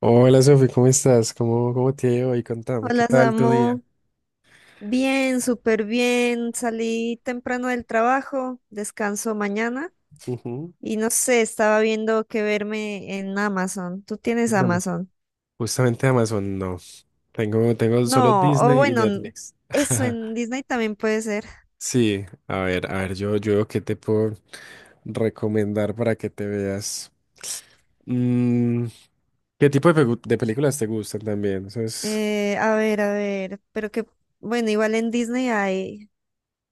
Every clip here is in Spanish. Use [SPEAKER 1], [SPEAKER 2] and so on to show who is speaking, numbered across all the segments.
[SPEAKER 1] Hola Sofi, ¿cómo estás? ¿Cómo te ha ido hoy? Contame, ¿qué
[SPEAKER 2] Hola
[SPEAKER 1] tal tu día?
[SPEAKER 2] Samu, bien, súper bien. Salí temprano del trabajo, descanso mañana
[SPEAKER 1] Ujú.
[SPEAKER 2] y no sé, estaba viendo qué verme en Amazon. ¿Tú tienes
[SPEAKER 1] En Amazon.
[SPEAKER 2] Amazon?
[SPEAKER 1] Justamente Amazon, no. Tengo solo
[SPEAKER 2] No, o
[SPEAKER 1] Disney y
[SPEAKER 2] bueno,
[SPEAKER 1] Netflix.
[SPEAKER 2] eso en Disney también puede ser.
[SPEAKER 1] Sí, a ver, yo qué te puedo recomendar para que te veas. Mm, ¿Qué tipo de películas te gustan también? Eso es,
[SPEAKER 2] A ver, pero que, bueno, igual en Disney hay,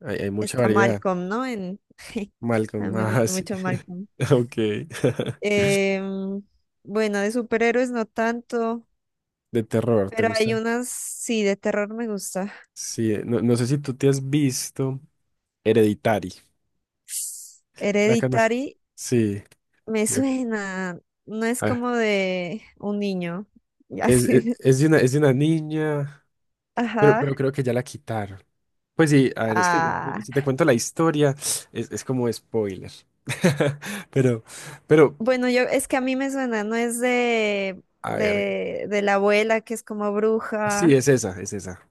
[SPEAKER 1] hay mucha
[SPEAKER 2] está
[SPEAKER 1] variedad.
[SPEAKER 2] Malcolm, ¿no? En, a
[SPEAKER 1] Malcolm,
[SPEAKER 2] mí me
[SPEAKER 1] ah,
[SPEAKER 2] gusta
[SPEAKER 1] sí.
[SPEAKER 2] mucho Malcolm.
[SPEAKER 1] Ok.
[SPEAKER 2] Em, bueno, de superhéroes no tanto,
[SPEAKER 1] De terror, ¿te
[SPEAKER 2] pero hay
[SPEAKER 1] gusta?
[SPEAKER 2] unas, sí, de terror me gusta.
[SPEAKER 1] Sí, no, no sé si tú te has visto Hereditary. La canasta.
[SPEAKER 2] Hereditary
[SPEAKER 1] Sí.
[SPEAKER 2] me
[SPEAKER 1] ya-
[SPEAKER 2] suena, no es
[SPEAKER 1] a
[SPEAKER 2] como de un niño. y
[SPEAKER 1] Es, e,
[SPEAKER 2] así,
[SPEAKER 1] es de una niña, pero,
[SPEAKER 2] ajá.
[SPEAKER 1] pero creo que ya la quitaron. Pues sí, a ver, es que
[SPEAKER 2] Ah,
[SPEAKER 1] si te cuento la historia, es como spoiler. Pero, pero,
[SPEAKER 2] bueno, yo es que a mí me suena, no es de,
[SPEAKER 1] a ver,
[SPEAKER 2] de, de la abuela que es como
[SPEAKER 1] sí,
[SPEAKER 2] bruja.
[SPEAKER 1] es esa, es esa.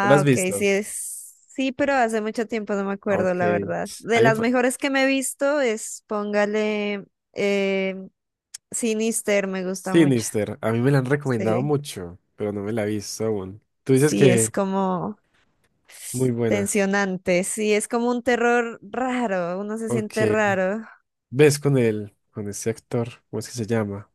[SPEAKER 1] ¿Te la has
[SPEAKER 2] ok, sí
[SPEAKER 1] visto?
[SPEAKER 2] es. Sí, pero hace mucho tiempo no me
[SPEAKER 1] Ah,
[SPEAKER 2] acuerdo,
[SPEAKER 1] ok.
[SPEAKER 2] la verdad.
[SPEAKER 1] A
[SPEAKER 2] De
[SPEAKER 1] mí,
[SPEAKER 2] las mejores que me he visto es, póngale, eh, Sinister, me gusta mucho.
[SPEAKER 1] Sinister, a mí me la han recomendado
[SPEAKER 2] Sí,
[SPEAKER 1] mucho, pero no me la he visto aún. Tú dices
[SPEAKER 2] sí, es
[SPEAKER 1] que
[SPEAKER 2] como.
[SPEAKER 1] muy buena.
[SPEAKER 2] Tensionante, sí, es como un terror raro, uno se siente
[SPEAKER 1] Ok.
[SPEAKER 2] raro.
[SPEAKER 1] ¿Ves con él, con ese actor? ¿Cómo es que se llama?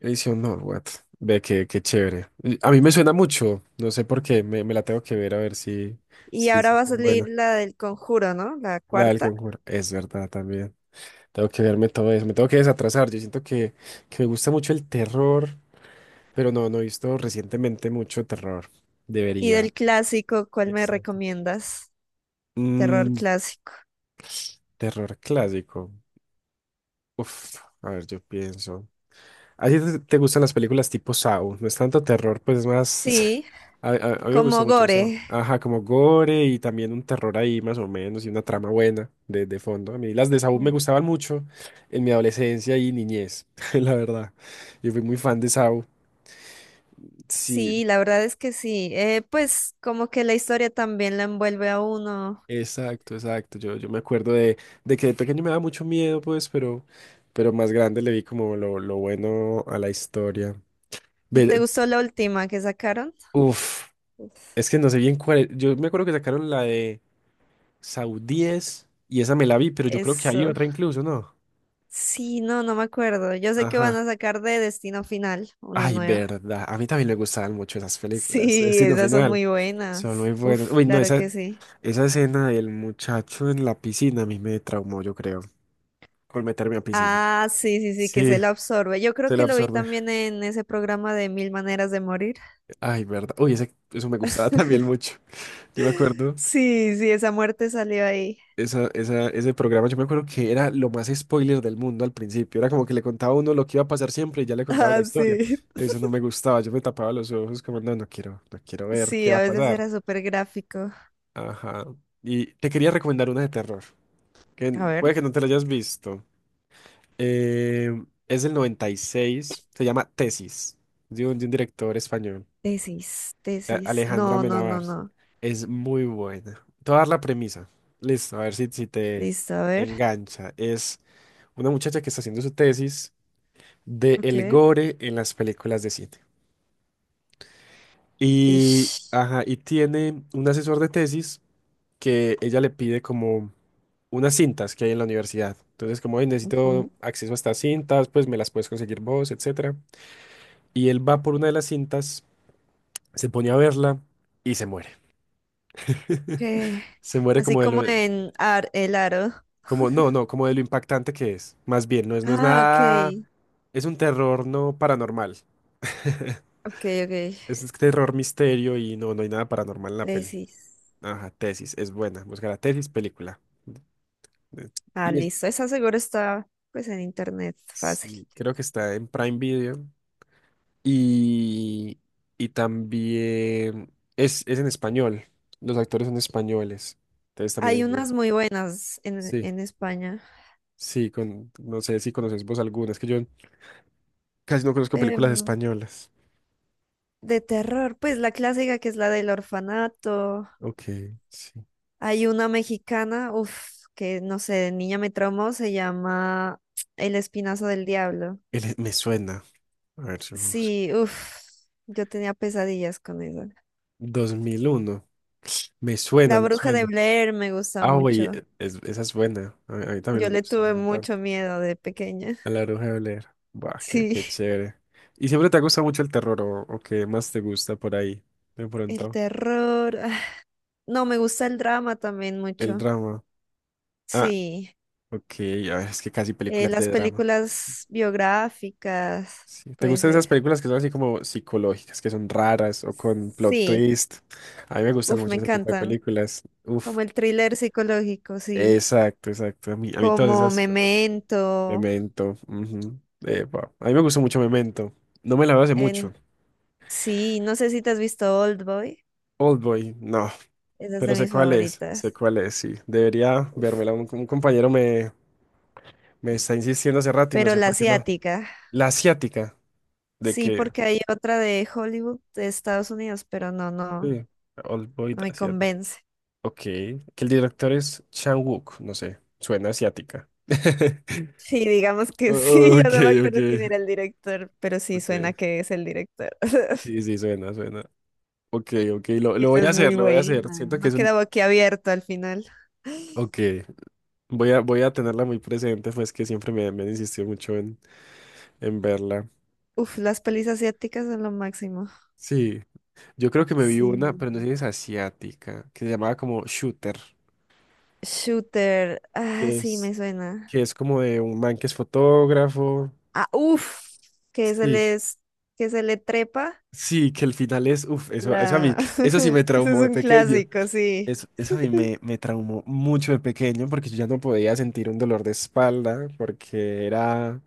[SPEAKER 1] Edición Norwood. Ve que qué chévere. Y a mí me suena mucho. No sé por qué. Me la tengo que ver a ver si,
[SPEAKER 2] Y
[SPEAKER 1] si,
[SPEAKER 2] ahora
[SPEAKER 1] si
[SPEAKER 2] va
[SPEAKER 1] es
[SPEAKER 2] a
[SPEAKER 1] tan
[SPEAKER 2] salir
[SPEAKER 1] buena.
[SPEAKER 2] la del Conjuro, ¿no? La
[SPEAKER 1] La del
[SPEAKER 2] cuarta.
[SPEAKER 1] Conjuro. Es verdad también. Tengo que verme todo eso. Me tengo que desatrasar. Yo siento que me gusta mucho el terror, pero no he visto recientemente mucho terror.
[SPEAKER 2] Y
[SPEAKER 1] Debería.
[SPEAKER 2] del clásico, ¿cuál me
[SPEAKER 1] Exacto.
[SPEAKER 2] recomiendas? Terror
[SPEAKER 1] Mm,
[SPEAKER 2] clásico.
[SPEAKER 1] terror clásico. Uf, a ver, yo pienso. ¿A ti te gustan las películas tipo Saw? No es tanto terror, pues es más.
[SPEAKER 2] Sí,
[SPEAKER 1] A mí me gusta
[SPEAKER 2] como
[SPEAKER 1] mucho Saw.
[SPEAKER 2] gore.
[SPEAKER 1] Ajá, como gore y también un terror ahí más o menos y una trama buena de fondo. A mí las de Saw me
[SPEAKER 2] Mm,
[SPEAKER 1] gustaban mucho en mi adolescencia y niñez, la verdad. Yo fui muy fan de Saw. Sí,
[SPEAKER 2] sí, la verdad es que sí. Pues como que la historia también la envuelve a uno.
[SPEAKER 1] exacto, exacto. Yo me acuerdo de que de pequeño me daba mucho miedo, pues, pero más grande le vi como lo bueno a la historia.
[SPEAKER 2] ¿Y te
[SPEAKER 1] Ve-
[SPEAKER 2] gustó la última que sacaron?
[SPEAKER 1] Uf,
[SPEAKER 2] Uf.
[SPEAKER 1] es que no sé bien cuál. Yo me acuerdo que sacaron la de. Saudíes, y esa me la vi, pero yo creo que hay
[SPEAKER 2] Eso.
[SPEAKER 1] otra incluso, ¿no?
[SPEAKER 2] Sí, no, no me acuerdo. Yo sé que van a
[SPEAKER 1] Ajá.
[SPEAKER 2] sacar de Destino Final una
[SPEAKER 1] Ay,
[SPEAKER 2] nueva.
[SPEAKER 1] verdad. A mí también me gustaban mucho esas películas.
[SPEAKER 2] Sí,
[SPEAKER 1] Destino
[SPEAKER 2] esas son
[SPEAKER 1] Final.
[SPEAKER 2] muy
[SPEAKER 1] Son muy
[SPEAKER 2] buenas.
[SPEAKER 1] buenas.
[SPEAKER 2] Uf,
[SPEAKER 1] Uy, no,
[SPEAKER 2] claro
[SPEAKER 1] esa,
[SPEAKER 2] que sí.
[SPEAKER 1] esa escena del muchacho en la piscina a mí me traumó, yo creo, con meterme a piscina.
[SPEAKER 2] Ah, sí, sí, sí, que se
[SPEAKER 1] Sí,
[SPEAKER 2] la absorbe. Yo creo
[SPEAKER 1] se la
[SPEAKER 2] que lo vi
[SPEAKER 1] absorbe.
[SPEAKER 2] también en ese programa de Mil Maneras de Morir.
[SPEAKER 1] Ay, verdad. Uy, eso me gustaba también mucho. Yo me acuerdo.
[SPEAKER 2] Sí, sí, esa muerte salió ahí.
[SPEAKER 1] Ese programa, yo me acuerdo que era lo más spoiler del mundo al principio. Era como que le contaba a uno lo que iba a pasar siempre y ya le contaba la
[SPEAKER 2] Ah,
[SPEAKER 1] historia.
[SPEAKER 2] sí.
[SPEAKER 1] Eso no me gustaba. Yo me tapaba los ojos como, no quiero, no quiero ver
[SPEAKER 2] Sí,
[SPEAKER 1] qué va a
[SPEAKER 2] a veces
[SPEAKER 1] pasar.
[SPEAKER 2] era súper gráfico.
[SPEAKER 1] Ajá. Y te quería recomendar una de terror, que
[SPEAKER 2] A ver.
[SPEAKER 1] puede que no te la hayas visto. Es del 96, se llama Tesis, de un director español.
[SPEAKER 2] Tesis, tesis.
[SPEAKER 1] Alejandra
[SPEAKER 2] No, no, no,
[SPEAKER 1] Amenábar.
[SPEAKER 2] no.
[SPEAKER 1] Es muy buena. Te voy a dar la premisa. Listo, a ver si te
[SPEAKER 2] Listo, a ver.
[SPEAKER 1] engancha. Es una muchacha que está haciendo su tesis de el
[SPEAKER 2] Ok.
[SPEAKER 1] gore en las películas de cine. Y,
[SPEAKER 2] Ish.
[SPEAKER 1] ajá, y tiene un asesor de tesis que ella le pide como unas cintas que hay en la universidad. Entonces, como "Ey, necesito
[SPEAKER 2] Ujú.
[SPEAKER 1] acceso a estas cintas, pues me las puedes conseguir vos, etcétera". Y él va por una de las cintas, se pone a verla y se muere.
[SPEAKER 2] ¿Qué?
[SPEAKER 1] Se muere
[SPEAKER 2] Así
[SPEAKER 1] como de
[SPEAKER 2] como
[SPEAKER 1] lo.
[SPEAKER 2] en El Aro.
[SPEAKER 1] Como, no, no, como de lo impactante que es. Más bien, no es
[SPEAKER 2] Ah,
[SPEAKER 1] nada.
[SPEAKER 2] ok.
[SPEAKER 1] Es un terror no paranormal.
[SPEAKER 2] Ok, ok.
[SPEAKER 1] Es terror misterio y no hay nada paranormal en la peli.
[SPEAKER 2] Tesis.
[SPEAKER 1] Ajá, tesis, es buena. Buscar la tesis, película. Eh,
[SPEAKER 2] Ah,
[SPEAKER 1] Y
[SPEAKER 2] listo. Esa seguro está pues en internet, fácil.
[SPEAKER 1] sí, creo que está en Prime Video. Y, y también es en español. Los actores son españoles. Entonces también
[SPEAKER 2] Hay
[SPEAKER 1] es bueno.
[SPEAKER 2] unas muy buenas
[SPEAKER 1] Sí,
[SPEAKER 2] en España.
[SPEAKER 1] sí, con, no sé si conoces vos algunas, que yo casi no conozco películas
[SPEAKER 2] Em,
[SPEAKER 1] españolas.
[SPEAKER 2] de terror, pues la clásica que es la del orfanato.
[SPEAKER 1] Ok, sí.
[SPEAKER 2] Hay una mexicana, uff, que no sé, de niña me traumó, se llama El Espinazo del Diablo.
[SPEAKER 1] Me suena. A ver, si lo busco.
[SPEAKER 2] Sí, uff, yo tenía pesadillas con eso.
[SPEAKER 1] 2001. Me suena,
[SPEAKER 2] La
[SPEAKER 1] me
[SPEAKER 2] Bruja de
[SPEAKER 1] suena.
[SPEAKER 2] Blair me gusta
[SPEAKER 1] Ah, güey,
[SPEAKER 2] mucho.
[SPEAKER 1] esa es buena. A mí también me
[SPEAKER 2] Yo le
[SPEAKER 1] gusta un
[SPEAKER 2] tuve
[SPEAKER 1] montón.
[SPEAKER 2] mucho miedo de pequeña.
[SPEAKER 1] A la Bruja de Blair. Buah, qué,
[SPEAKER 2] Sí,
[SPEAKER 1] qué chévere. ¿Y siempre te gusta mucho el terror o qué más te gusta por ahí? De
[SPEAKER 2] el
[SPEAKER 1] pronto.
[SPEAKER 2] terror. No, me gusta el drama también
[SPEAKER 1] El
[SPEAKER 2] mucho.
[SPEAKER 1] drama. Ah,
[SPEAKER 2] Sí,
[SPEAKER 1] ok. A ver, es que casi películas
[SPEAKER 2] las
[SPEAKER 1] de drama.
[SPEAKER 2] películas biográficas,
[SPEAKER 1] Sí. ¿Te
[SPEAKER 2] puede
[SPEAKER 1] gustan
[SPEAKER 2] ser.
[SPEAKER 1] esas películas que son así como psicológicas, que son raras o con plot
[SPEAKER 2] Sí,
[SPEAKER 1] twist? A mí me gustan
[SPEAKER 2] uf,
[SPEAKER 1] mucho
[SPEAKER 2] me
[SPEAKER 1] ese tipo de
[SPEAKER 2] encantan.
[SPEAKER 1] películas. Uf.
[SPEAKER 2] Como el thriller psicológico, sí.
[SPEAKER 1] Exacto, exacto. A mí todas
[SPEAKER 2] Como
[SPEAKER 1] esas me gustan.
[SPEAKER 2] Memento.
[SPEAKER 1] Memento. Ujú. Epa. A mí me gustó mucho Memento. No me la veo hace mucho.
[SPEAKER 2] En... Sí, no sé si te has visto Old Boy.
[SPEAKER 1] Oldboy, no.
[SPEAKER 2] Esa es
[SPEAKER 1] Pero
[SPEAKER 2] de mis
[SPEAKER 1] sé
[SPEAKER 2] favoritas.
[SPEAKER 1] cuál es, sí. Debería
[SPEAKER 2] Uf.
[SPEAKER 1] vérmela. Un compañero me está insistiendo hace rato y no
[SPEAKER 2] Pero
[SPEAKER 1] sé
[SPEAKER 2] la
[SPEAKER 1] por qué no.
[SPEAKER 2] asiática.
[SPEAKER 1] La asiática, de
[SPEAKER 2] Sí,
[SPEAKER 1] que.
[SPEAKER 2] porque hay otra de Hollywood, de Estados Unidos, pero no, no,
[SPEAKER 1] Sí. Oldboy
[SPEAKER 2] no
[SPEAKER 1] la
[SPEAKER 2] me
[SPEAKER 1] asiática.
[SPEAKER 2] convence.
[SPEAKER 1] Ok. Que el director es Chan Wook, no sé. Suena asiática.
[SPEAKER 2] Sí, digamos que sí, ya
[SPEAKER 1] Ok,
[SPEAKER 2] no me
[SPEAKER 1] ok.
[SPEAKER 2] acuerdo quién era el director, pero sí suena
[SPEAKER 1] Ok.
[SPEAKER 2] que es el director.
[SPEAKER 1] Sí, sí, suena, suena. Ok, ok,
[SPEAKER 2] Sí,
[SPEAKER 1] lo
[SPEAKER 2] esa
[SPEAKER 1] voy a
[SPEAKER 2] es muy
[SPEAKER 1] hacer, lo voy a hacer.
[SPEAKER 2] buena.
[SPEAKER 1] Siento que
[SPEAKER 2] No
[SPEAKER 1] es un.
[SPEAKER 2] quedaba aquí abierto al final.
[SPEAKER 1] Ok, voy a tenerla muy presente, pues que siempre me han insistido mucho en verla.
[SPEAKER 2] Uf, las pelis asiáticas son lo máximo.
[SPEAKER 1] Sí, yo creo que me vi una, pero no sé
[SPEAKER 2] Sí.
[SPEAKER 1] si es asiática, que se llamaba como Shooter,
[SPEAKER 2] Shooter. Ah,
[SPEAKER 1] que
[SPEAKER 2] sí,
[SPEAKER 1] es,
[SPEAKER 2] me suena.
[SPEAKER 1] que es como de un man que es fotógrafo.
[SPEAKER 2] Ah, uf, que se
[SPEAKER 1] Sí,
[SPEAKER 2] les, que se le trepa
[SPEAKER 1] sí, que el final es. Uff, eso, a mí,
[SPEAKER 2] la.
[SPEAKER 1] eso sí
[SPEAKER 2] Ese
[SPEAKER 1] me
[SPEAKER 2] es
[SPEAKER 1] traumó de
[SPEAKER 2] un
[SPEAKER 1] pequeño.
[SPEAKER 2] clásico, sí.
[SPEAKER 1] Eso a mí me traumó mucho de pequeño porque yo ya no podía sentir un dolor de espalda porque era.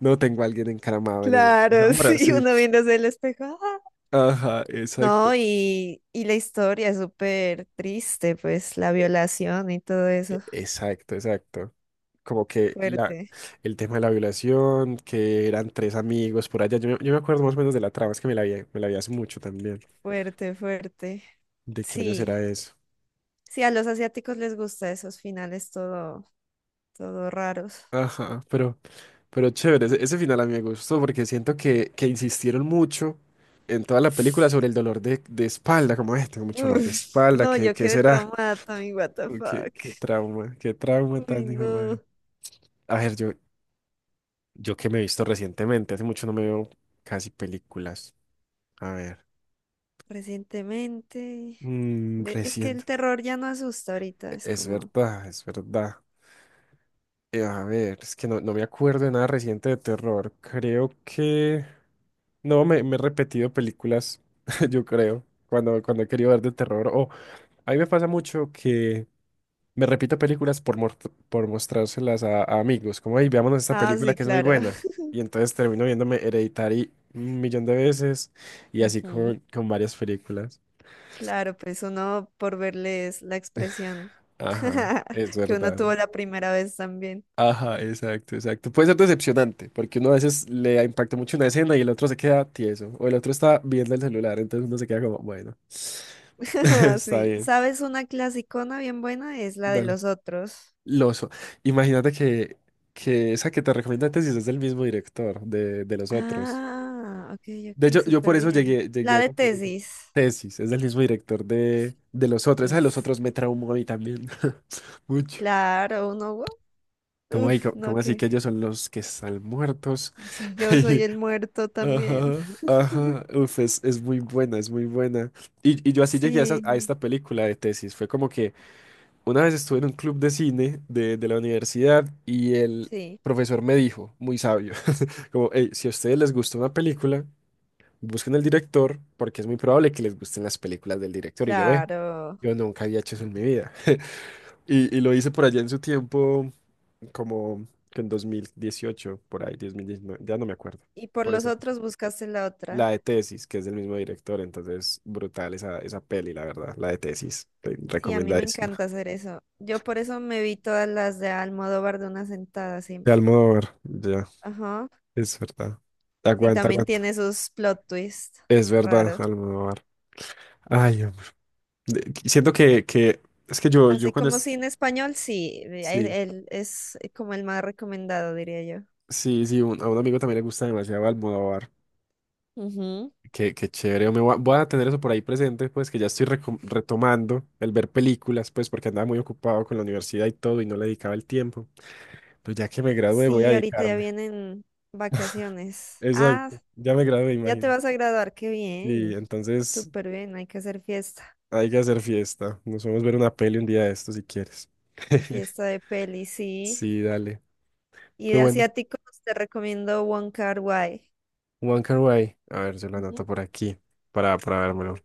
[SPEAKER 1] No tengo a alguien encaramado en el
[SPEAKER 2] Claro,
[SPEAKER 1] hombro
[SPEAKER 2] sí,
[SPEAKER 1] sí.
[SPEAKER 2] uno viéndose el espejo. ¡Ah!
[SPEAKER 1] Ajá, exacto.
[SPEAKER 2] No, y la historia es súper triste, pues la violación y todo eso.
[SPEAKER 1] Exacto, exacto. Como que la,
[SPEAKER 2] Fuerte,
[SPEAKER 1] el tema de la violación, que eran tres amigos por allá. Yo me acuerdo más o menos de la trama, es que me la vi hace mucho también.
[SPEAKER 2] fuerte, fuerte.
[SPEAKER 1] ¿De qué años
[SPEAKER 2] Sí,
[SPEAKER 1] era eso?
[SPEAKER 2] sí, a los asiáticos les gusta esos finales todo, todo raros.
[SPEAKER 1] Ajá, pero, chévere, ese final a mí me gustó porque siento que insistieron mucho en toda la película sobre el dolor de espalda, como, "Ay, tengo mucho dolor de
[SPEAKER 2] Uf,
[SPEAKER 1] espalda,
[SPEAKER 2] no,
[SPEAKER 1] ¿qué,
[SPEAKER 2] yo
[SPEAKER 1] qué
[SPEAKER 2] quedé
[SPEAKER 1] será?
[SPEAKER 2] traumada, Tommy, what the
[SPEAKER 1] Uy, Qué,
[SPEAKER 2] fuck.
[SPEAKER 1] qué trauma, qué trauma
[SPEAKER 2] Uy,
[SPEAKER 1] tan hijo de
[SPEAKER 2] no.
[SPEAKER 1] madre". A ver, Yo que me he visto recientemente, hace mucho no me veo casi películas. A ver,
[SPEAKER 2] Recientemente. Es que
[SPEAKER 1] reciente.
[SPEAKER 2] el terror ya no asusta ahorita, es
[SPEAKER 1] Es
[SPEAKER 2] como.
[SPEAKER 1] verdad, es verdad. A ver, es que no me acuerdo de nada reciente de terror. Creo que. No, me he repetido películas, yo creo, cuando, he querido ver de terror. O a mí me pasa mucho que. Me repito películas por mostrárselas a amigos, como, hey, veámonos esta
[SPEAKER 2] Ah,
[SPEAKER 1] película
[SPEAKER 2] sí,
[SPEAKER 1] que es muy
[SPEAKER 2] claro.
[SPEAKER 1] buena. Y entonces termino viéndome Hereditary un millón de veces y así
[SPEAKER 2] Ujú.
[SPEAKER 1] con varias películas.
[SPEAKER 2] Claro, pues uno por verles la expresión
[SPEAKER 1] Ajá, es
[SPEAKER 2] que uno
[SPEAKER 1] verdad.
[SPEAKER 2] tuvo la primera vez también.
[SPEAKER 1] Ajá, exacto, exacto. Puede ser decepcionante, porque uno a veces le impacta mucho una escena y el otro se queda tieso, o el otro está viendo el celular, entonces uno se queda como, bueno, está
[SPEAKER 2] Sí.
[SPEAKER 1] bien,
[SPEAKER 2] ¿Sabes una clasicona bien buena? Es la de
[SPEAKER 1] dale.
[SPEAKER 2] los otros.
[SPEAKER 1] Loso. Imagínate que esa que te recomiendo antes es del mismo director de los otros.
[SPEAKER 2] Ah, ok,
[SPEAKER 1] De
[SPEAKER 2] ok,
[SPEAKER 1] hecho, yo por
[SPEAKER 2] súper
[SPEAKER 1] eso
[SPEAKER 2] bien.
[SPEAKER 1] llegué
[SPEAKER 2] La
[SPEAKER 1] a
[SPEAKER 2] de
[SPEAKER 1] la película.
[SPEAKER 2] tesis.
[SPEAKER 1] Tesis, es del mismo director de los otros. Esa de los
[SPEAKER 2] Es,
[SPEAKER 1] otros me traumó a mí también. Mucho.
[SPEAKER 2] claro, uno, wow,
[SPEAKER 1] ¿Cómo, ahí?
[SPEAKER 2] uf,
[SPEAKER 1] ¿Cómo-
[SPEAKER 2] no,
[SPEAKER 1] cómo así
[SPEAKER 2] que
[SPEAKER 1] que ellos son los que están muertos?
[SPEAKER 2] si yo soy el muerto también.
[SPEAKER 1] Ajá, ajá. Uf, es muy buena, es muy buena. Y yo así llegué a
[SPEAKER 2] Sí,
[SPEAKER 1] esta película de tesis. Fue como que una vez estuve en un club de cine de la universidad y el
[SPEAKER 2] sí,
[SPEAKER 1] profesor me dijo, muy sabio, como, hey, si a ustedes les gusta una película. Busquen el director porque es muy probable que les gusten las películas del director. Y yo, ve,
[SPEAKER 2] claro.
[SPEAKER 1] yo nunca había hecho eso en mi vida. Y lo hice por allá en su tiempo, como que en 2018 por ahí, 2019 ya no me acuerdo.
[SPEAKER 2] Y por
[SPEAKER 1] Por
[SPEAKER 2] los
[SPEAKER 1] esa época.
[SPEAKER 2] otros buscaste la
[SPEAKER 1] La de
[SPEAKER 2] otra.
[SPEAKER 1] Tesis, que es del mismo director, entonces brutal esa peli, la verdad, la de Tesis,
[SPEAKER 2] Sí, a mí me encanta
[SPEAKER 1] recomendadísima.
[SPEAKER 2] hacer eso. Yo por eso me vi todas las de Almodóvar de una sentada, sí.
[SPEAKER 1] De Almodóvar, ya,
[SPEAKER 2] Ajá.
[SPEAKER 1] es verdad.
[SPEAKER 2] Sí,
[SPEAKER 1] Aguanta,
[SPEAKER 2] también
[SPEAKER 1] aguanta.
[SPEAKER 2] tiene sus plot twists
[SPEAKER 1] Es verdad,
[SPEAKER 2] raro.
[SPEAKER 1] Almodóvar. Ay, hombre. Siento que es que yo
[SPEAKER 2] Así
[SPEAKER 1] cuando
[SPEAKER 2] como
[SPEAKER 1] es.
[SPEAKER 2] cine español, sí,
[SPEAKER 1] Sí.
[SPEAKER 2] él es como el más recomendado, diría yo.
[SPEAKER 1] Sí, sí, a un amigo también le gusta demasiado Almodóvar.
[SPEAKER 2] Ujú.
[SPEAKER 1] Qué chévere. Yo Me voy a, voy a tener eso por ahí presente, pues que ya estoy retomando el ver películas, pues porque andaba muy ocupado con la universidad y todo y no le dedicaba el tiempo. Entonces ya que me gradué voy a
[SPEAKER 2] Sí, ahorita ya
[SPEAKER 1] dedicarme.
[SPEAKER 2] vienen vacaciones. Ah,
[SPEAKER 1] Exacto, ya me gradué,
[SPEAKER 2] ya te
[SPEAKER 1] imagino.
[SPEAKER 2] vas a graduar, qué
[SPEAKER 1] Sí,
[SPEAKER 2] bien.
[SPEAKER 1] entonces
[SPEAKER 2] Súper bien, hay que hacer fiesta.
[SPEAKER 1] hay que hacer fiesta. Nos vamos a ver una peli un día de estos si quieres.
[SPEAKER 2] Fiesta de peli, sí.
[SPEAKER 1] Sí, dale.
[SPEAKER 2] Y
[SPEAKER 1] Pero
[SPEAKER 2] de
[SPEAKER 1] bueno,
[SPEAKER 2] asiáticos te recomiendo One Kar-wai.
[SPEAKER 1] One Can Way. A ver, yo lo anoto por aquí para vérmelo.
[SPEAKER 2] Ujú.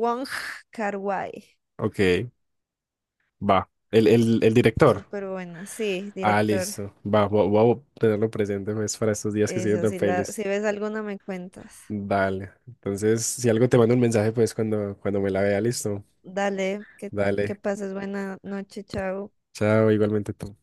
[SPEAKER 2] Wong Kar-wai.
[SPEAKER 1] Ok, va. El director.
[SPEAKER 2] Súper buena. Sí,
[SPEAKER 1] Ah,
[SPEAKER 2] director.
[SPEAKER 1] listo. Va, voy a tenerlo presente pues, para estos días que estoy
[SPEAKER 2] Eso,
[SPEAKER 1] viendo
[SPEAKER 2] si la,
[SPEAKER 1] pelis.
[SPEAKER 2] si ves alguna me cuentas.
[SPEAKER 1] Dale. Entonces, si algo te mando un mensaje, pues cuando, me la vea, listo.
[SPEAKER 2] Dale, que
[SPEAKER 1] Dale.
[SPEAKER 2] pases buena noche, chao.
[SPEAKER 1] Chao, igualmente tú.